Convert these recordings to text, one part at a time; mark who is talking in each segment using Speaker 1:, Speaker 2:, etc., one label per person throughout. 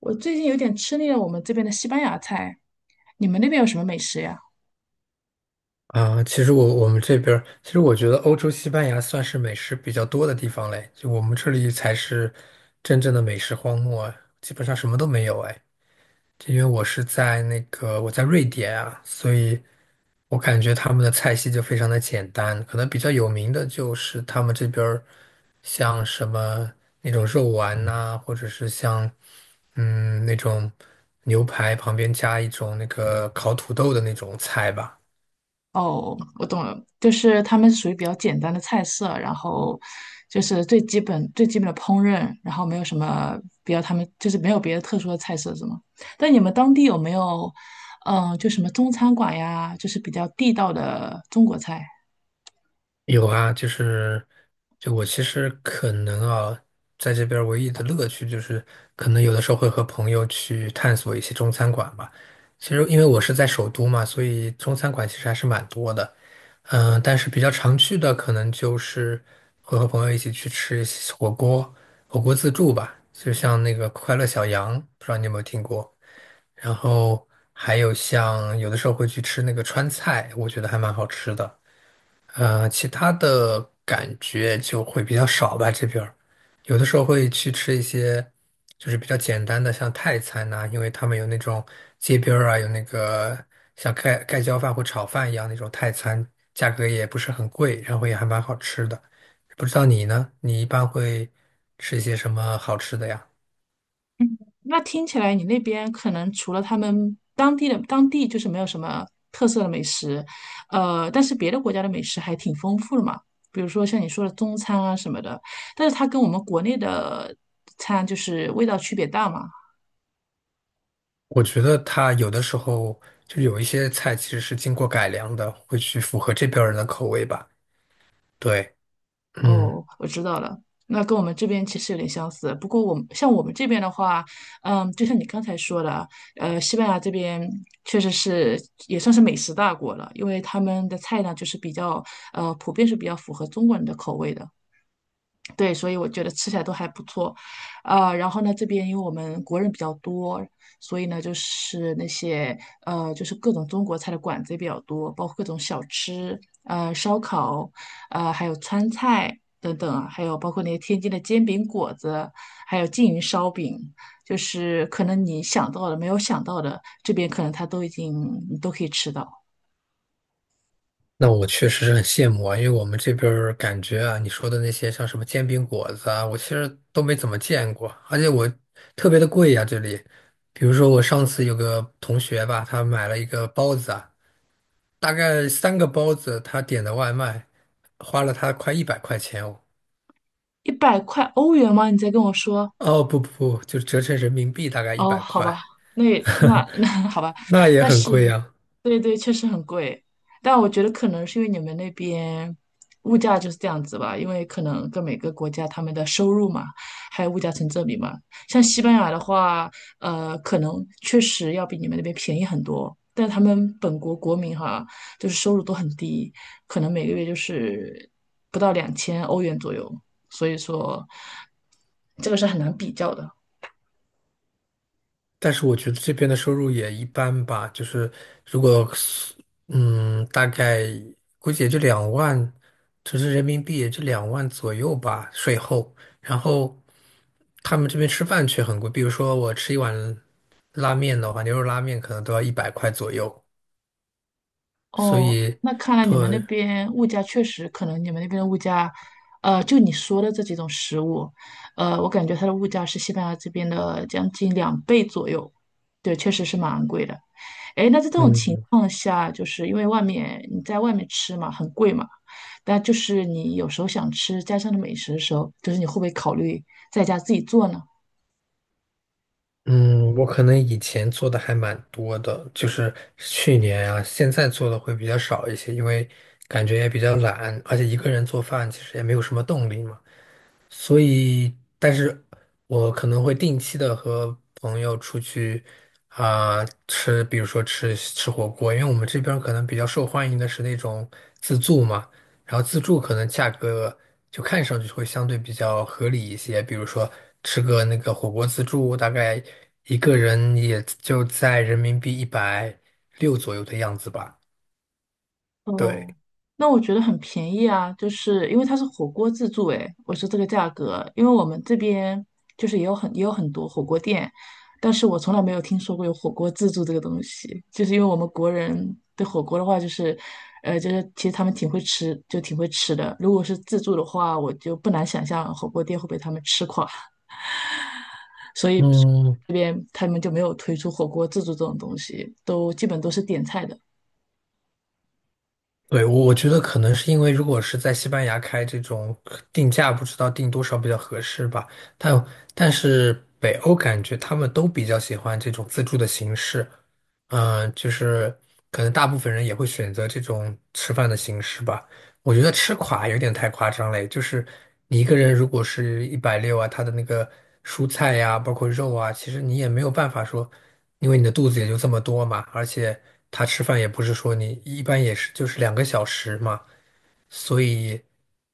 Speaker 1: 我最近有点吃腻了我们这边的西班牙菜，你们那边有什么美食呀？
Speaker 2: 啊，其实我们这边儿，其实我觉得欧洲西班牙算是美食比较多的地方嘞，就我们这里才是真正的美食荒漠啊，基本上什么都没有哎。这因为我是在那个我在瑞典啊，所以我感觉他们的菜系就非常的简单，可能比较有名的就是他们这边儿像什么那种肉丸呐、或者是像那种牛排旁边加一种那个烤土豆的那种菜吧。
Speaker 1: 哦，我懂了，就是他们是属于比较简单的菜色，然后就是最基本最基本的烹饪，然后没有什么比较他们就是没有别的特殊的菜色，是吗？但你们当地有没有，就什么中餐馆呀，就是比较地道的中国菜？
Speaker 2: 有啊，就是，就我其实可能啊，在这边儿唯一的乐趣就是，可能有的时候会和朋友去探索一些中餐馆吧。其实因为我是在首都嘛，所以中餐馆其实还是蛮多的。但是比较常去的可能就是会和朋友一起去吃一些火锅，火锅自助吧，就像那个快乐小羊，不知道你有没有听过。然后还有像有的时候会去吃那个川菜，我觉得还蛮好吃的。其他的感觉就会比较少吧，这边儿有的时候会去吃一些就是比较简单的，像泰餐呐、因为他们有那种街边儿啊，有那个像盖盖浇饭或炒饭一样那种泰餐，价格也不是很贵，然后也还蛮好吃的。不知道你呢？你一般会吃一些什么好吃的呀？
Speaker 1: 那听起来你那边可能除了他们当地就是没有什么特色的美食，但是别的国家的美食还挺丰富的嘛，比如说像你说的中餐啊什么的，但是它跟我们国内的餐就是味道区别大嘛。
Speaker 2: 我觉得它有的时候就有一些菜其实是经过改良的，会去符合这边儿人的口味吧。对，嗯。
Speaker 1: 哦，我知道了。那跟我们这边其实有点相似，不过像我们这边的话，嗯，就像你刚才说的，西班牙这边确实是也算是美食大国了，因为他们的菜呢就是比较普遍是比较符合中国人的口味的。对，所以我觉得吃起来都还不错，然后呢，这边因为我们国人比较多，所以呢，就是那些就是各种中国菜的馆子也比较多，包括各种小吃，烧烤，还有川菜等等啊，还有包括那些天津的煎饼果子，还有缙云烧饼，就是可能你想到的、没有想到的，这边可能它都已经你都可以吃到。
Speaker 2: 那我确实是很羡慕啊，因为我们这边儿感觉啊，你说的那些像什么煎饼果子啊，我其实都没怎么见过，而且我特别的贵呀、这里。比如说我上次有个同学吧，他买了一个包子啊，大概三个包子，他点的外卖，花了他快100块钱哦。
Speaker 1: 一百块欧元吗？你在跟我说？
Speaker 2: 哦，不不不，就折成人民币大概一
Speaker 1: 哦，
Speaker 2: 百
Speaker 1: 好吧，
Speaker 2: 块，
Speaker 1: 那那 那好吧，
Speaker 2: 那也
Speaker 1: 但
Speaker 2: 很贵
Speaker 1: 是，
Speaker 2: 呀、
Speaker 1: 对对，确实很贵，但我觉得可能是因为你们那边物价就是这样子吧，因为可能跟每个国家他们的收入嘛，还有物价成正比嘛。像西班牙的话，可能确实要比你们那边便宜很多，但他们本国国民哈，就是收入都很低，可能每个月就是不到2000欧元左右，所以说这个是很难比较的。
Speaker 2: 但是我觉得这边的收入也一般吧，就是如果是大概估计也就两万，就是人民币也就两万左右吧，税后。然后他们这边吃饭却很贵，比如说我吃一碗拉面的话，牛肉拉面可能都要一百块左右。所
Speaker 1: 哦，
Speaker 2: 以，
Speaker 1: 那看来你们那
Speaker 2: 对，
Speaker 1: 边物价确实可能你们那边的物价，就你说的这几种食物，我感觉它的物价是西班牙这边的将近两倍左右，对，确实是蛮昂贵的。诶，那在这种情
Speaker 2: 嗯。
Speaker 1: 况下，就是因为你在外面吃嘛，很贵嘛，但就是你有时候想吃家乡的美食的时候，就是你会不会考虑在家自己做呢？
Speaker 2: 嗯，我可能以前做的还蛮多的，就是去年啊，现在做的会比较少一些，因为感觉也比较懒，而且一个人做饭其实也没有什么动力嘛。所以，但是我可能会定期的和朋友出去啊、吃，比如说吃吃火锅，因为我们这边儿可能比较受欢迎的是那种自助嘛，然后自助可能价格就看上去会相对比较合理一些，比如说吃个那个火锅自助，大概一个人也就在人民币一百六左右的样子吧，
Speaker 1: 哦，
Speaker 2: 对。
Speaker 1: 那我觉得很便宜啊，就是因为它是火锅自助，诶，我说这个价格，因为我们这边就是也有很多火锅店，但是我从来没有听说过有火锅自助这个东西，就是因为我们国人对火锅的话，就是其实他们挺会吃，就挺会吃的。如果是自助的话，我就不难想象火锅店会被他们吃垮，所以
Speaker 2: 嗯，
Speaker 1: 这边他们就没有推出火锅自助这种东西，都基本都是点菜的。
Speaker 2: 对，我觉得可能是因为，如果是在西班牙开这种定价，不知道定多少比较合适吧。但但是北欧感觉他们都比较喜欢这种自助的形式，就是可能大部分人也会选择这种吃饭的形式吧。我觉得吃垮有点太夸张了，就是你一个人如果是一百六啊，他的那个蔬菜呀、包括肉啊，其实你也没有办法说，因为你的肚子也就这么多嘛，而且他吃饭也不是说你一般也是就是2个小时嘛，所以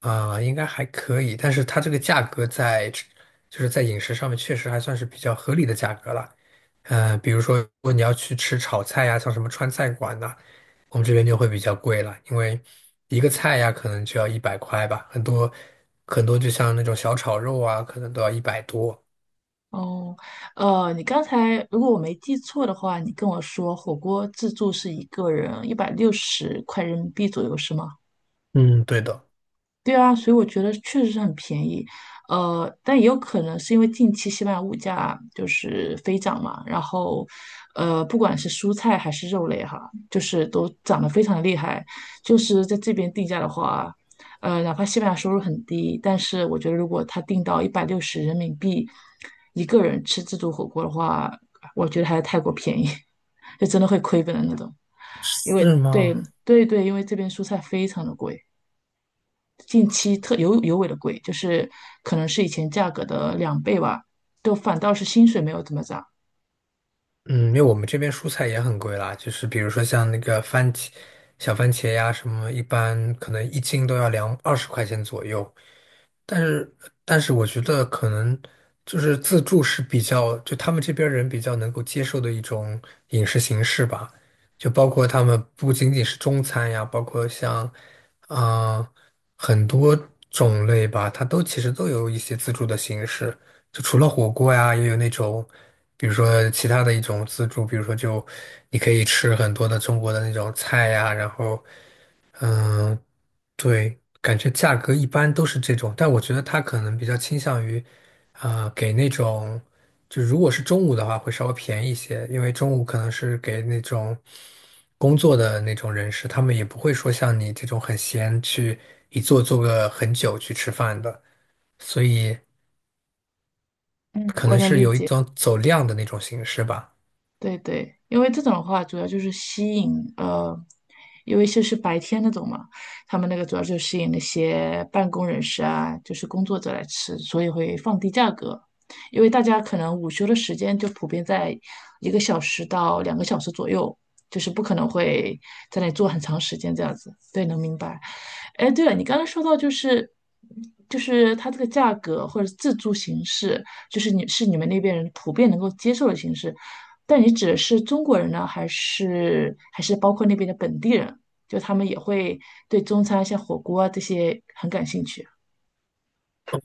Speaker 2: 啊、应该还可以，但是它这个价格在就是在饮食上面确实还算是比较合理的价格了。嗯，比如说如果你要去吃炒菜呀、像什么川菜馆呐、我们这边就会比较贵了，因为一个菜呀、可能就要一百块吧，很多很多就像那种小炒肉啊，可能都要100多。
Speaker 1: 哦，你刚才如果我没记错的话，你跟我说火锅自助是一个人160块人民币左右，是吗？
Speaker 2: 嗯，对的，
Speaker 1: 对啊，所以我觉得确实是很便宜，但也有可能是因为近期西班牙物价就是飞涨嘛，然后，不管是蔬菜还是肉类哈，就是都涨得非常的厉害。就是在这边定价的话，哪怕西班牙收入很低，但是我觉得如果他定到160人民币一个人吃自助火锅的话，我觉得还是太过便宜，就真的会亏本的那种。因
Speaker 2: 是
Speaker 1: 为对
Speaker 2: 吗？
Speaker 1: 对对，因为这边蔬菜非常的贵。近期特尤为的贵，就是可能是以前价格的两倍吧，就反倒是薪水没有怎么涨。
Speaker 2: 嗯，因为我们这边蔬菜也很贵啦，就是比如说像那个番茄、小番茄呀什么，一般可能一斤都要两二十块钱左右。但是，但是我觉得可能就是自助是比较，就他们这边儿人比较能够接受的一种饮食形式吧。就包括他们不仅仅是中餐呀，包括像啊、呃很多种类吧，它都其实都有一些自助的形式。就除了火锅呀，也有那种，比如说其他的一种自助，比如说就你可以吃很多的中国的那种菜呀，然后。嗯，对，感觉价格一般都是这种，但我觉得他可能比较倾向于，给那种，就如果是中午的话，会稍微便宜一些，因为中午可能是给那种工作的那种人士，他们也不会说像你这种很闲去一坐坐个很久去吃饭的，所以
Speaker 1: 嗯，
Speaker 2: 可
Speaker 1: 我
Speaker 2: 能
Speaker 1: 能
Speaker 2: 是
Speaker 1: 理
Speaker 2: 有一
Speaker 1: 解。
Speaker 2: 种走量的那种形式吧。
Speaker 1: 对对，因为这种的话，主要就是吸引呃，因为就是白天那种嘛，他们那个主要就吸引那些办公人士啊，就是工作者来吃，所以会放低价格。因为大家可能午休的时间就普遍在1个小时到2个小时左右，就是不可能会在那里坐很长时间这样子。对，能明白。哎，对了，你刚刚说到就是它这个价格或者是自助形式。就是你们那边人普遍能够接受的形式。但你指的是中国人呢，还是包括那边的本地人？就他们也会对中餐啊，像火锅啊这些很感兴趣。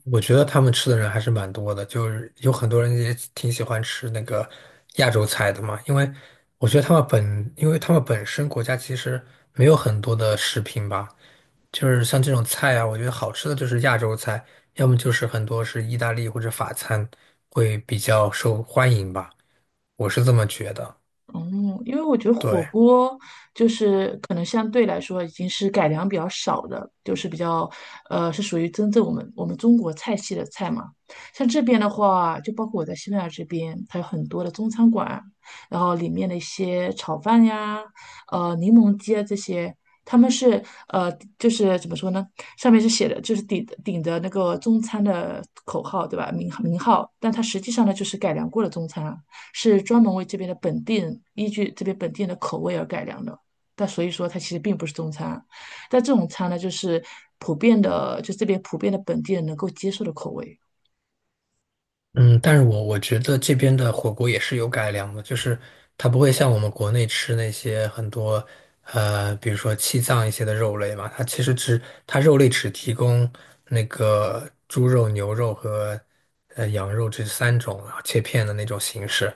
Speaker 2: 我觉得他们吃的人还是蛮多的，就是有很多人也挺喜欢吃那个亚洲菜的嘛，因为我觉得他们本，因为他们本身国家其实没有很多的食品吧，就是像这种菜啊，我觉得好吃的就是亚洲菜，要么就是很多是意大利或者法餐会比较受欢迎吧，我是这么觉得。
Speaker 1: 嗯，因为我觉得火
Speaker 2: 对。
Speaker 1: 锅就是可能相对来说已经是改良比较少的，就是比较是属于真正我们中国菜系的菜嘛。像这边的话，就包括我在西班牙这边，它有很多的中餐馆，然后里面的一些炒饭呀、柠檬鸡啊这些，他们是呃就是怎么说呢？上面是写的就是顶着那个中餐的口号对吧？名号，但它实际上呢就是改良过的中餐。是专门为这边的本地人依据这边本地人的口味而改良的。但所以说它其实并不是中餐，但这种餐呢，就是普遍的，就这边普遍的本地人能够接受的口味
Speaker 2: 嗯，但是我觉得这边的火锅也是有改良的，就是它不会像我们国内吃那些很多，比如说气脏一些的肉类嘛，它肉类只提供那个猪肉、牛肉和羊肉这三种啊切片的那种形式，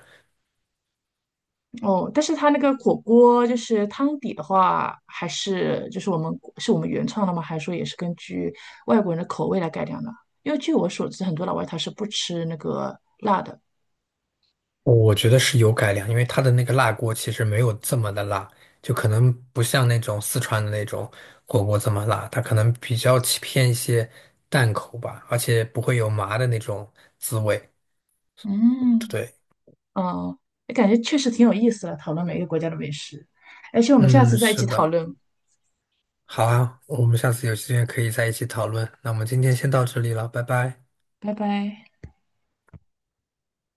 Speaker 1: 哦。但是它那个火锅就是汤底的话，还是就是我们原创的吗？还是说也是根据外国人的口味来改良的？因为据我所知，很多老外他是不吃那个辣的。
Speaker 2: 我觉得是有改良，因为它的那个辣锅其实没有这么的辣，就可能不像那种四川的那种火锅这么辣，它可能比较起偏一些淡口吧，而且不会有麻的那种滋味。
Speaker 1: 嗯，
Speaker 2: 对，
Speaker 1: 嗯，感觉确实挺有意思的，讨论每个国家的美食。而且我们下
Speaker 2: 嗯，
Speaker 1: 次再一
Speaker 2: 是
Speaker 1: 起
Speaker 2: 的，
Speaker 1: 讨论
Speaker 2: 好啊，我们下次有时间可以在一起讨论。那我们今天先到这里了，拜拜。
Speaker 1: 拜拜。